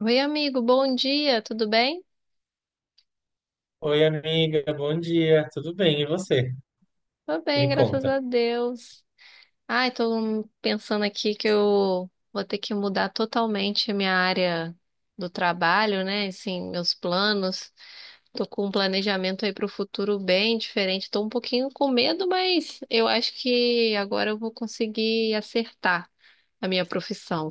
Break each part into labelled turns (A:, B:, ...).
A: Oi, amigo, bom dia, tudo bem?
B: Oi, amiga, bom dia. Tudo bem? E você?
A: Tô bem,
B: Me
A: graças
B: conta.
A: a Deus. Ai, tô pensando aqui que eu vou ter que mudar totalmente a minha área do trabalho, né? Assim, meus planos. Tô com um planejamento aí pro futuro bem diferente. Tô um pouquinho com medo, mas eu acho que agora eu vou conseguir acertar a minha profissão.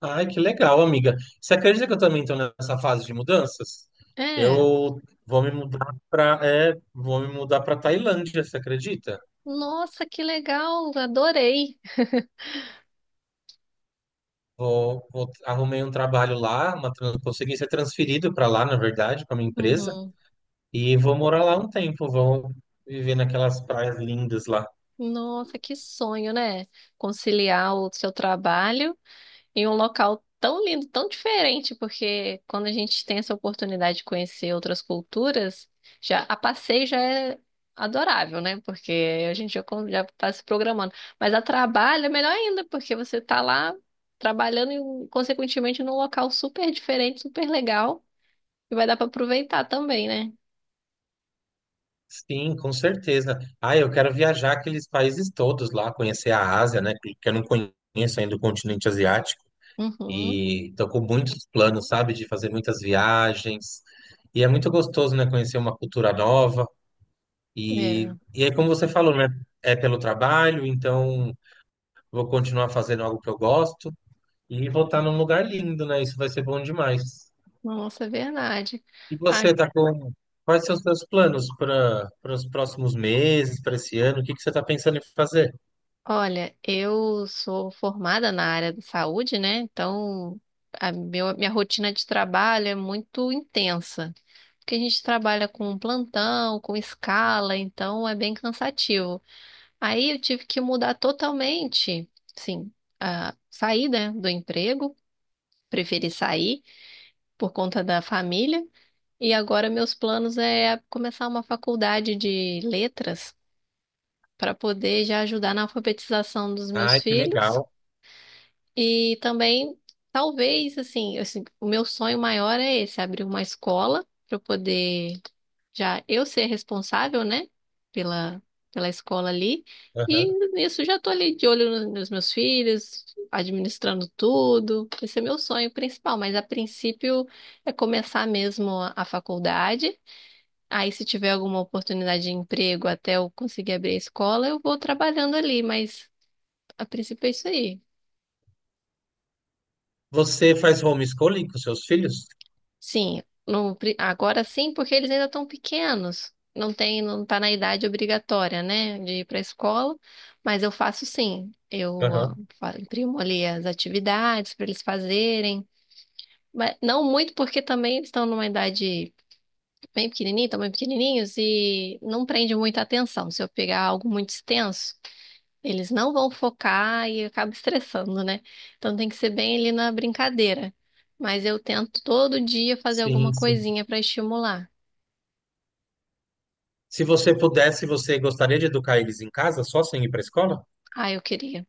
B: Ai, que legal, amiga. Você acredita que eu também estou nessa fase de mudanças?
A: É.
B: Eu vou me mudar para vou me mudar para Tailândia, você acredita?
A: Nossa, que legal, adorei.
B: Arrumei um trabalho lá, consegui ser transferido para lá, na verdade, para minha empresa,
A: Uhum.
B: e vou morar lá um tempo, vou viver naquelas praias lindas lá.
A: Nossa, que sonho, né? Conciliar o seu trabalho em um local tão lindo, tão diferente, porque quando a gente tem essa oportunidade de conhecer outras culturas, já a passeio já é adorável, né? Porque a gente já está se programando. Mas a trabalho é melhor ainda, porque você está lá trabalhando e, consequentemente, num local super diferente, super legal, e vai dar para aproveitar também, né?
B: Sim, com certeza. Ah, eu quero viajar aqueles países todos lá, conhecer a Ásia, né? Que eu não conheço ainda o continente asiático.
A: Uhum,
B: E tô com muitos planos, sabe? De fazer muitas viagens. E é muito gostoso, né? Conhecer uma cultura nova. E,
A: é.
B: e aí, como você falou, né? É pelo trabalho, então vou continuar fazendo algo que eu gosto e vou estar num lugar lindo, né? Isso vai ser bom demais.
A: Nossa, é verdade.
B: E você está com quais são os seus planos para para os próximos meses, para esse ano? O que que você está pensando em fazer?
A: Olha, eu sou formada na área da saúde, né? Então, minha rotina de trabalho é muito intensa, porque a gente trabalha com plantão, com escala, então é bem cansativo. Aí eu tive que mudar totalmente, sim, a sair, né, do emprego, preferi sair por conta da família, e agora meus planos é começar uma faculdade de letras para poder já ajudar na alfabetização dos meus
B: Ai, que legal.
A: filhos. E também, talvez, assim, o meu sonho maior é esse, abrir uma escola para eu poder já eu ser responsável, né, pela, pela escola ali. E
B: Aham.
A: nisso já tô ali de olho nos meus filhos, administrando tudo. Esse é meu sonho principal, mas a princípio é começar mesmo a faculdade. Aí, se tiver alguma oportunidade de emprego até eu conseguir abrir a escola, eu vou trabalhando ali, mas a princípio é isso aí.
B: Você faz homeschooling com seus filhos?
A: Sim, no pri- agora sim, porque eles ainda estão pequenos. Não tem, não tá na idade obrigatória, né, de ir para a escola, mas eu faço sim. Eu ó,
B: Aham.
A: imprimo ali as atividades para eles fazerem, mas não muito porque também eles estão numa idade bem pequenininha, estão bem pequenininhos e não prende muita atenção. Se eu pegar algo muito extenso, eles não vão focar e acaba estressando, né? Então tem que ser bem ali na brincadeira. Mas eu tento todo dia fazer alguma
B: Sim, sim.
A: coisinha para estimular.
B: Se você pudesse, você gostaria de educar eles em casa, só sem ir para a escola?
A: Ah, eu queria.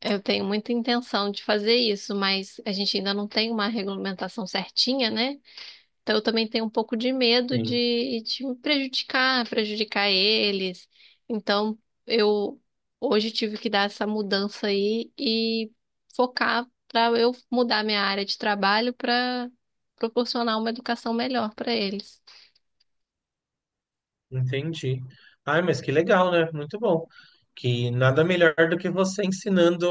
A: Eu tenho muita intenção de fazer isso, mas a gente ainda não tem uma regulamentação certinha, né? Então, eu também tenho um pouco de medo
B: Sim,
A: de me prejudicar, prejudicar eles. Então, eu hoje tive que dar essa mudança aí e focar para eu mudar minha área de trabalho para proporcionar uma educação melhor para eles.
B: entendi. Ai, mas que legal, né? Muito bom. Que nada melhor do que você ensinando,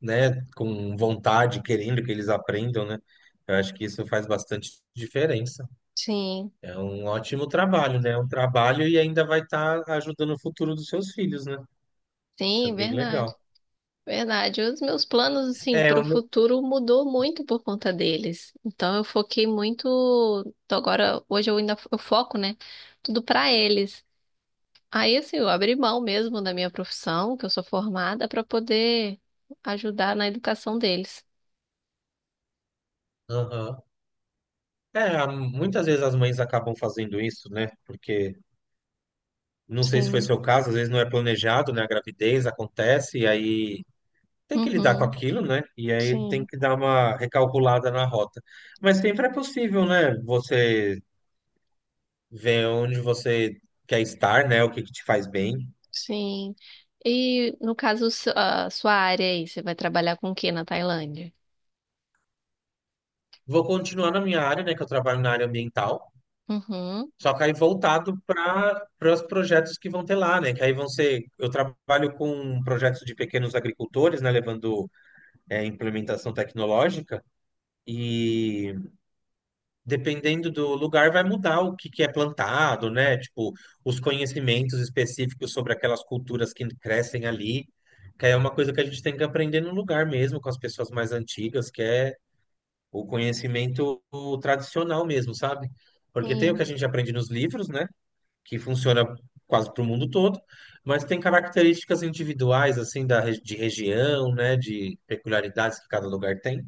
B: né, com vontade, querendo que eles aprendam, né? Eu acho que isso faz bastante diferença.
A: Sim,
B: É um ótimo trabalho, né? É um trabalho e ainda vai estar ajudando o futuro dos seus filhos, né? Isso é
A: sim,
B: bem
A: verdade.
B: legal.
A: Verdade. Os meus planos, assim,
B: É,
A: para
B: o
A: o
B: meu-
A: futuro mudou muito por conta deles. Então, eu foquei muito. Então, agora, hoje eu ainda eu foco, né? Tudo para eles. Aí, assim, eu abri mão mesmo da minha profissão, que eu sou formada, para poder ajudar na educação deles.
B: Aham. É, a- muitas vezes as mães acabam fazendo isso, né? Porque não sei se foi
A: Sim,
B: seu caso, às vezes não é planejado, né? A gravidez acontece e aí tem que lidar com
A: uhum,
B: aquilo, né? E aí tem
A: sim,
B: que dar uma recalculada na rota. Mas sempre é possível, né? Você ver onde você quer estar, né? O que que te faz bem.
A: sim. E no caso, a sua área aí, você vai trabalhar com o quê na Tailândia?
B: Vou continuar na minha área, né? Que eu trabalho na área ambiental.
A: Uhum,
B: Só que aí voltado para para os projetos que vão ter lá, né? Que aí vão ser. Eu trabalho com projetos de pequenos agricultores, né? Levando implementação tecnológica. E dependendo do lugar, vai mudar o que, que é plantado, né? Tipo, os conhecimentos específicos sobre aquelas culturas que crescem ali. Que aí é uma coisa que a gente tem que aprender no lugar mesmo, com as pessoas mais antigas, que é o conhecimento tradicional mesmo, sabe? Porque tem o que
A: sim.
B: a gente aprende nos livros, né? Que funciona quase para o mundo todo, mas tem características individuais assim da re- de região, né, de peculiaridades que cada lugar tem,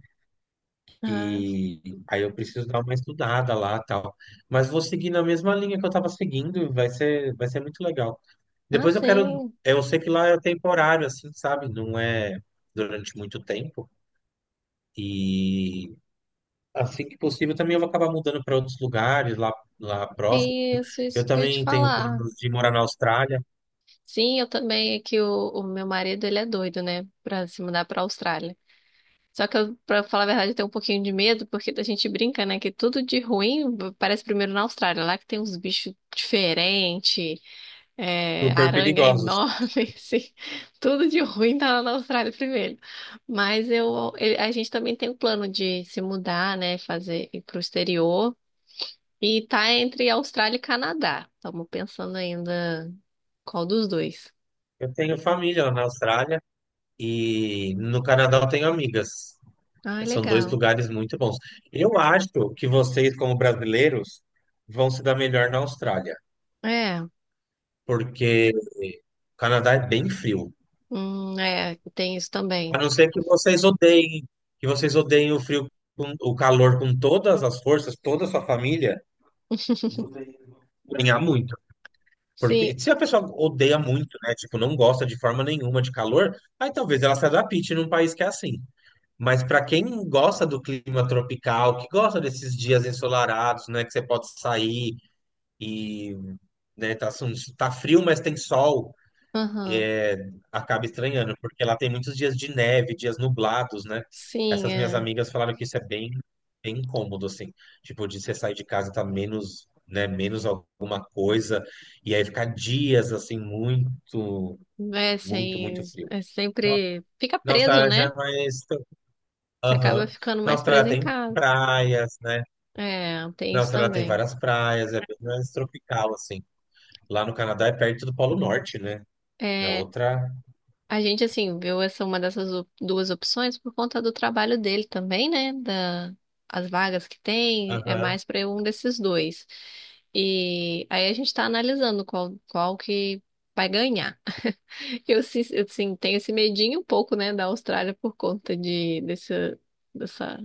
A: Ah,
B: que aí eu preciso dar uma estudada lá, tal. Mas vou seguir na mesma linha que eu estava seguindo, e vai ser muito legal.
A: ah,
B: Depois eu quero,
A: sim.
B: eu sei que lá é temporário assim, sabe? Não é durante muito tempo. E assim que possível também eu vou acabar mudando para outros lugares lá
A: É.
B: próximo.
A: Isso,
B: Eu
A: isso que eu ia te
B: também tenho
A: falar.
B: planos de morar na Austrália.
A: Sim, eu também, é que o meu marido, ele é doido, né, pra se mudar pra Austrália. Só que eu, pra falar a verdade, eu tenho um pouquinho de medo, porque a gente brinca, né, que tudo de ruim parece primeiro na Austrália, lá que tem uns bichos diferentes, é,
B: Super
A: aranha
B: perigosos.
A: enorme, assim, tudo de ruim tá lá na Austrália primeiro. Mas eu, a gente também tem o plano de se mudar, né, fazer ir pro exterior, e tá entre Austrália e Canadá. Estamos pensando ainda qual dos dois.
B: Eu tenho família lá na Austrália e no Canadá eu tenho amigas.
A: Ah,
B: São dois
A: legal.
B: lugares muito bons. Eu acho que vocês, como brasileiros, vão se dar melhor na Austrália,
A: É,
B: porque o Canadá é bem frio.
A: é, tem isso
B: A
A: também.
B: não ser que vocês odeiem o frio, com- o calor com todas as forças, toda a sua família, vocês vão ganhar muito.
A: Sim,
B: Porque se a pessoa odeia muito, né, tipo, não gosta de forma nenhuma de calor, aí talvez ela se adapte num país que é assim. Mas para quem gosta do clima tropical, que gosta desses dias ensolarados, né, que você pode sair e, né, tá, assim, tá frio, mas tem sol,
A: aham.
B: é, acaba estranhando, porque lá tem muitos dias de neve, dias nublados, né?
A: Sim,
B: Essas minhas
A: é.
B: amigas falaram que isso é bem, bem incômodo, assim, tipo, de você sair de casa e tá menos, né, menos alguma coisa, e aí ficar dias, assim, muito,
A: É,
B: muito,
A: assim,
B: muito frio.
A: é sempre. Fica
B: Nossa,
A: preso,
B: ela já
A: né?
B: é mais
A: Você acaba
B: Aham.
A: ficando
B: Na
A: mais
B: Austrália
A: preso em
B: tem
A: casa.
B: praias, né?
A: É, tem
B: Na
A: isso
B: Austrália tem
A: também.
B: várias praias, é bem mais tropical, assim. Lá no Canadá é perto do Polo Norte, né? É
A: É,
B: outra.
A: a gente, assim, viu essa uma dessas duas opções por conta do trabalho dele também, né? As vagas que tem, é
B: Aham.
A: mais para um desses dois. E aí a gente tá analisando qual que vai ganhar. Eu, sim tenho esse medinho um pouco, né, da Austrália por conta desse, dessa.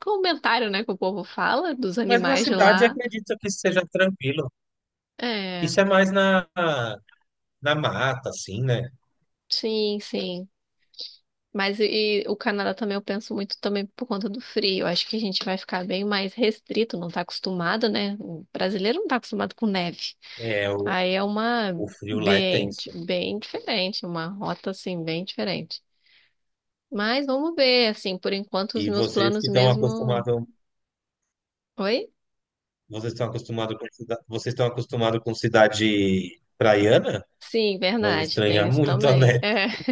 A: Comentário, né, que o povo fala dos
B: Mas na
A: animais de
B: cidade
A: lá.
B: acredito que seja tranquilo.
A: É,
B: Isso é mais na, na mata, assim, né?
A: sim, sim. Mas e o Canadá também eu penso muito também por conta do frio. Eu acho que a gente vai ficar bem mais restrito, não tá acostumado, né? O brasileiro não tá acostumado com neve.
B: É, o,
A: Aí é uma
B: o frio lá é
A: bem,
B: tenso.
A: bem diferente, uma rota assim bem diferente. Mas vamos ver, assim, por enquanto os
B: E
A: meus
B: vocês
A: planos
B: que estão
A: mesmo.
B: acostumados,
A: Oi?
B: vocês estão acostumados com, vocês estão acostumados com cidade praiana?
A: Sim,
B: Vão
A: verdade, tem
B: estranhar
A: isso
B: muito,
A: também.
B: né?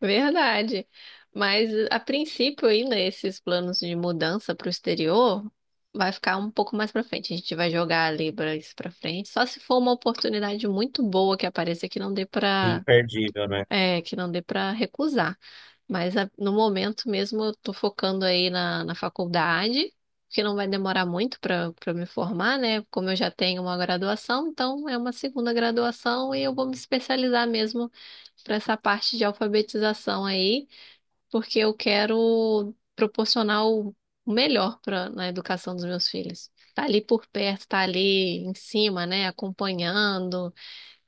A: Verdade. Mas a princípio, ainda esses planos de mudança para o exterior vai ficar um pouco mais para frente. A gente vai jogar ali para isso para frente. Só se for uma oportunidade muito boa que apareça que não dê para
B: Imperdível, né?
A: que não dê para recusar. Mas no momento mesmo eu tô focando aí na faculdade, que não vai demorar muito para me formar, né? Como eu já tenho uma graduação, então é uma segunda graduação e eu vou me especializar mesmo para essa parte de alfabetização aí, porque eu quero proporcionar o melhor para na educação dos meus filhos. Tá ali por perto, tá ali em cima, né? Acompanhando.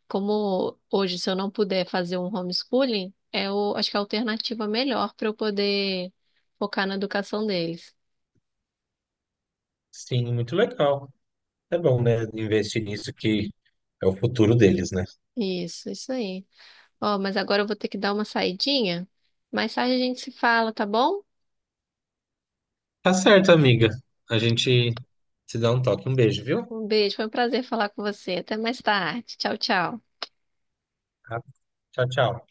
A: Como hoje, se eu não puder fazer um homeschooling, acho que é a alternativa melhor para eu poder focar na educação deles.
B: Sim, muito legal. É bom, né? Investir nisso que é o futuro deles, né?
A: Isso aí. Ó, mas agora eu vou ter que dar uma saidinha. Mais tarde a gente se fala, tá bom?
B: Tá certo, amiga. A gente se dá um toque. Um beijo, viu?
A: Um beijo, foi um prazer falar com você. Até mais tarde. Tchau, tchau.
B: Tá? Tchau, tchau.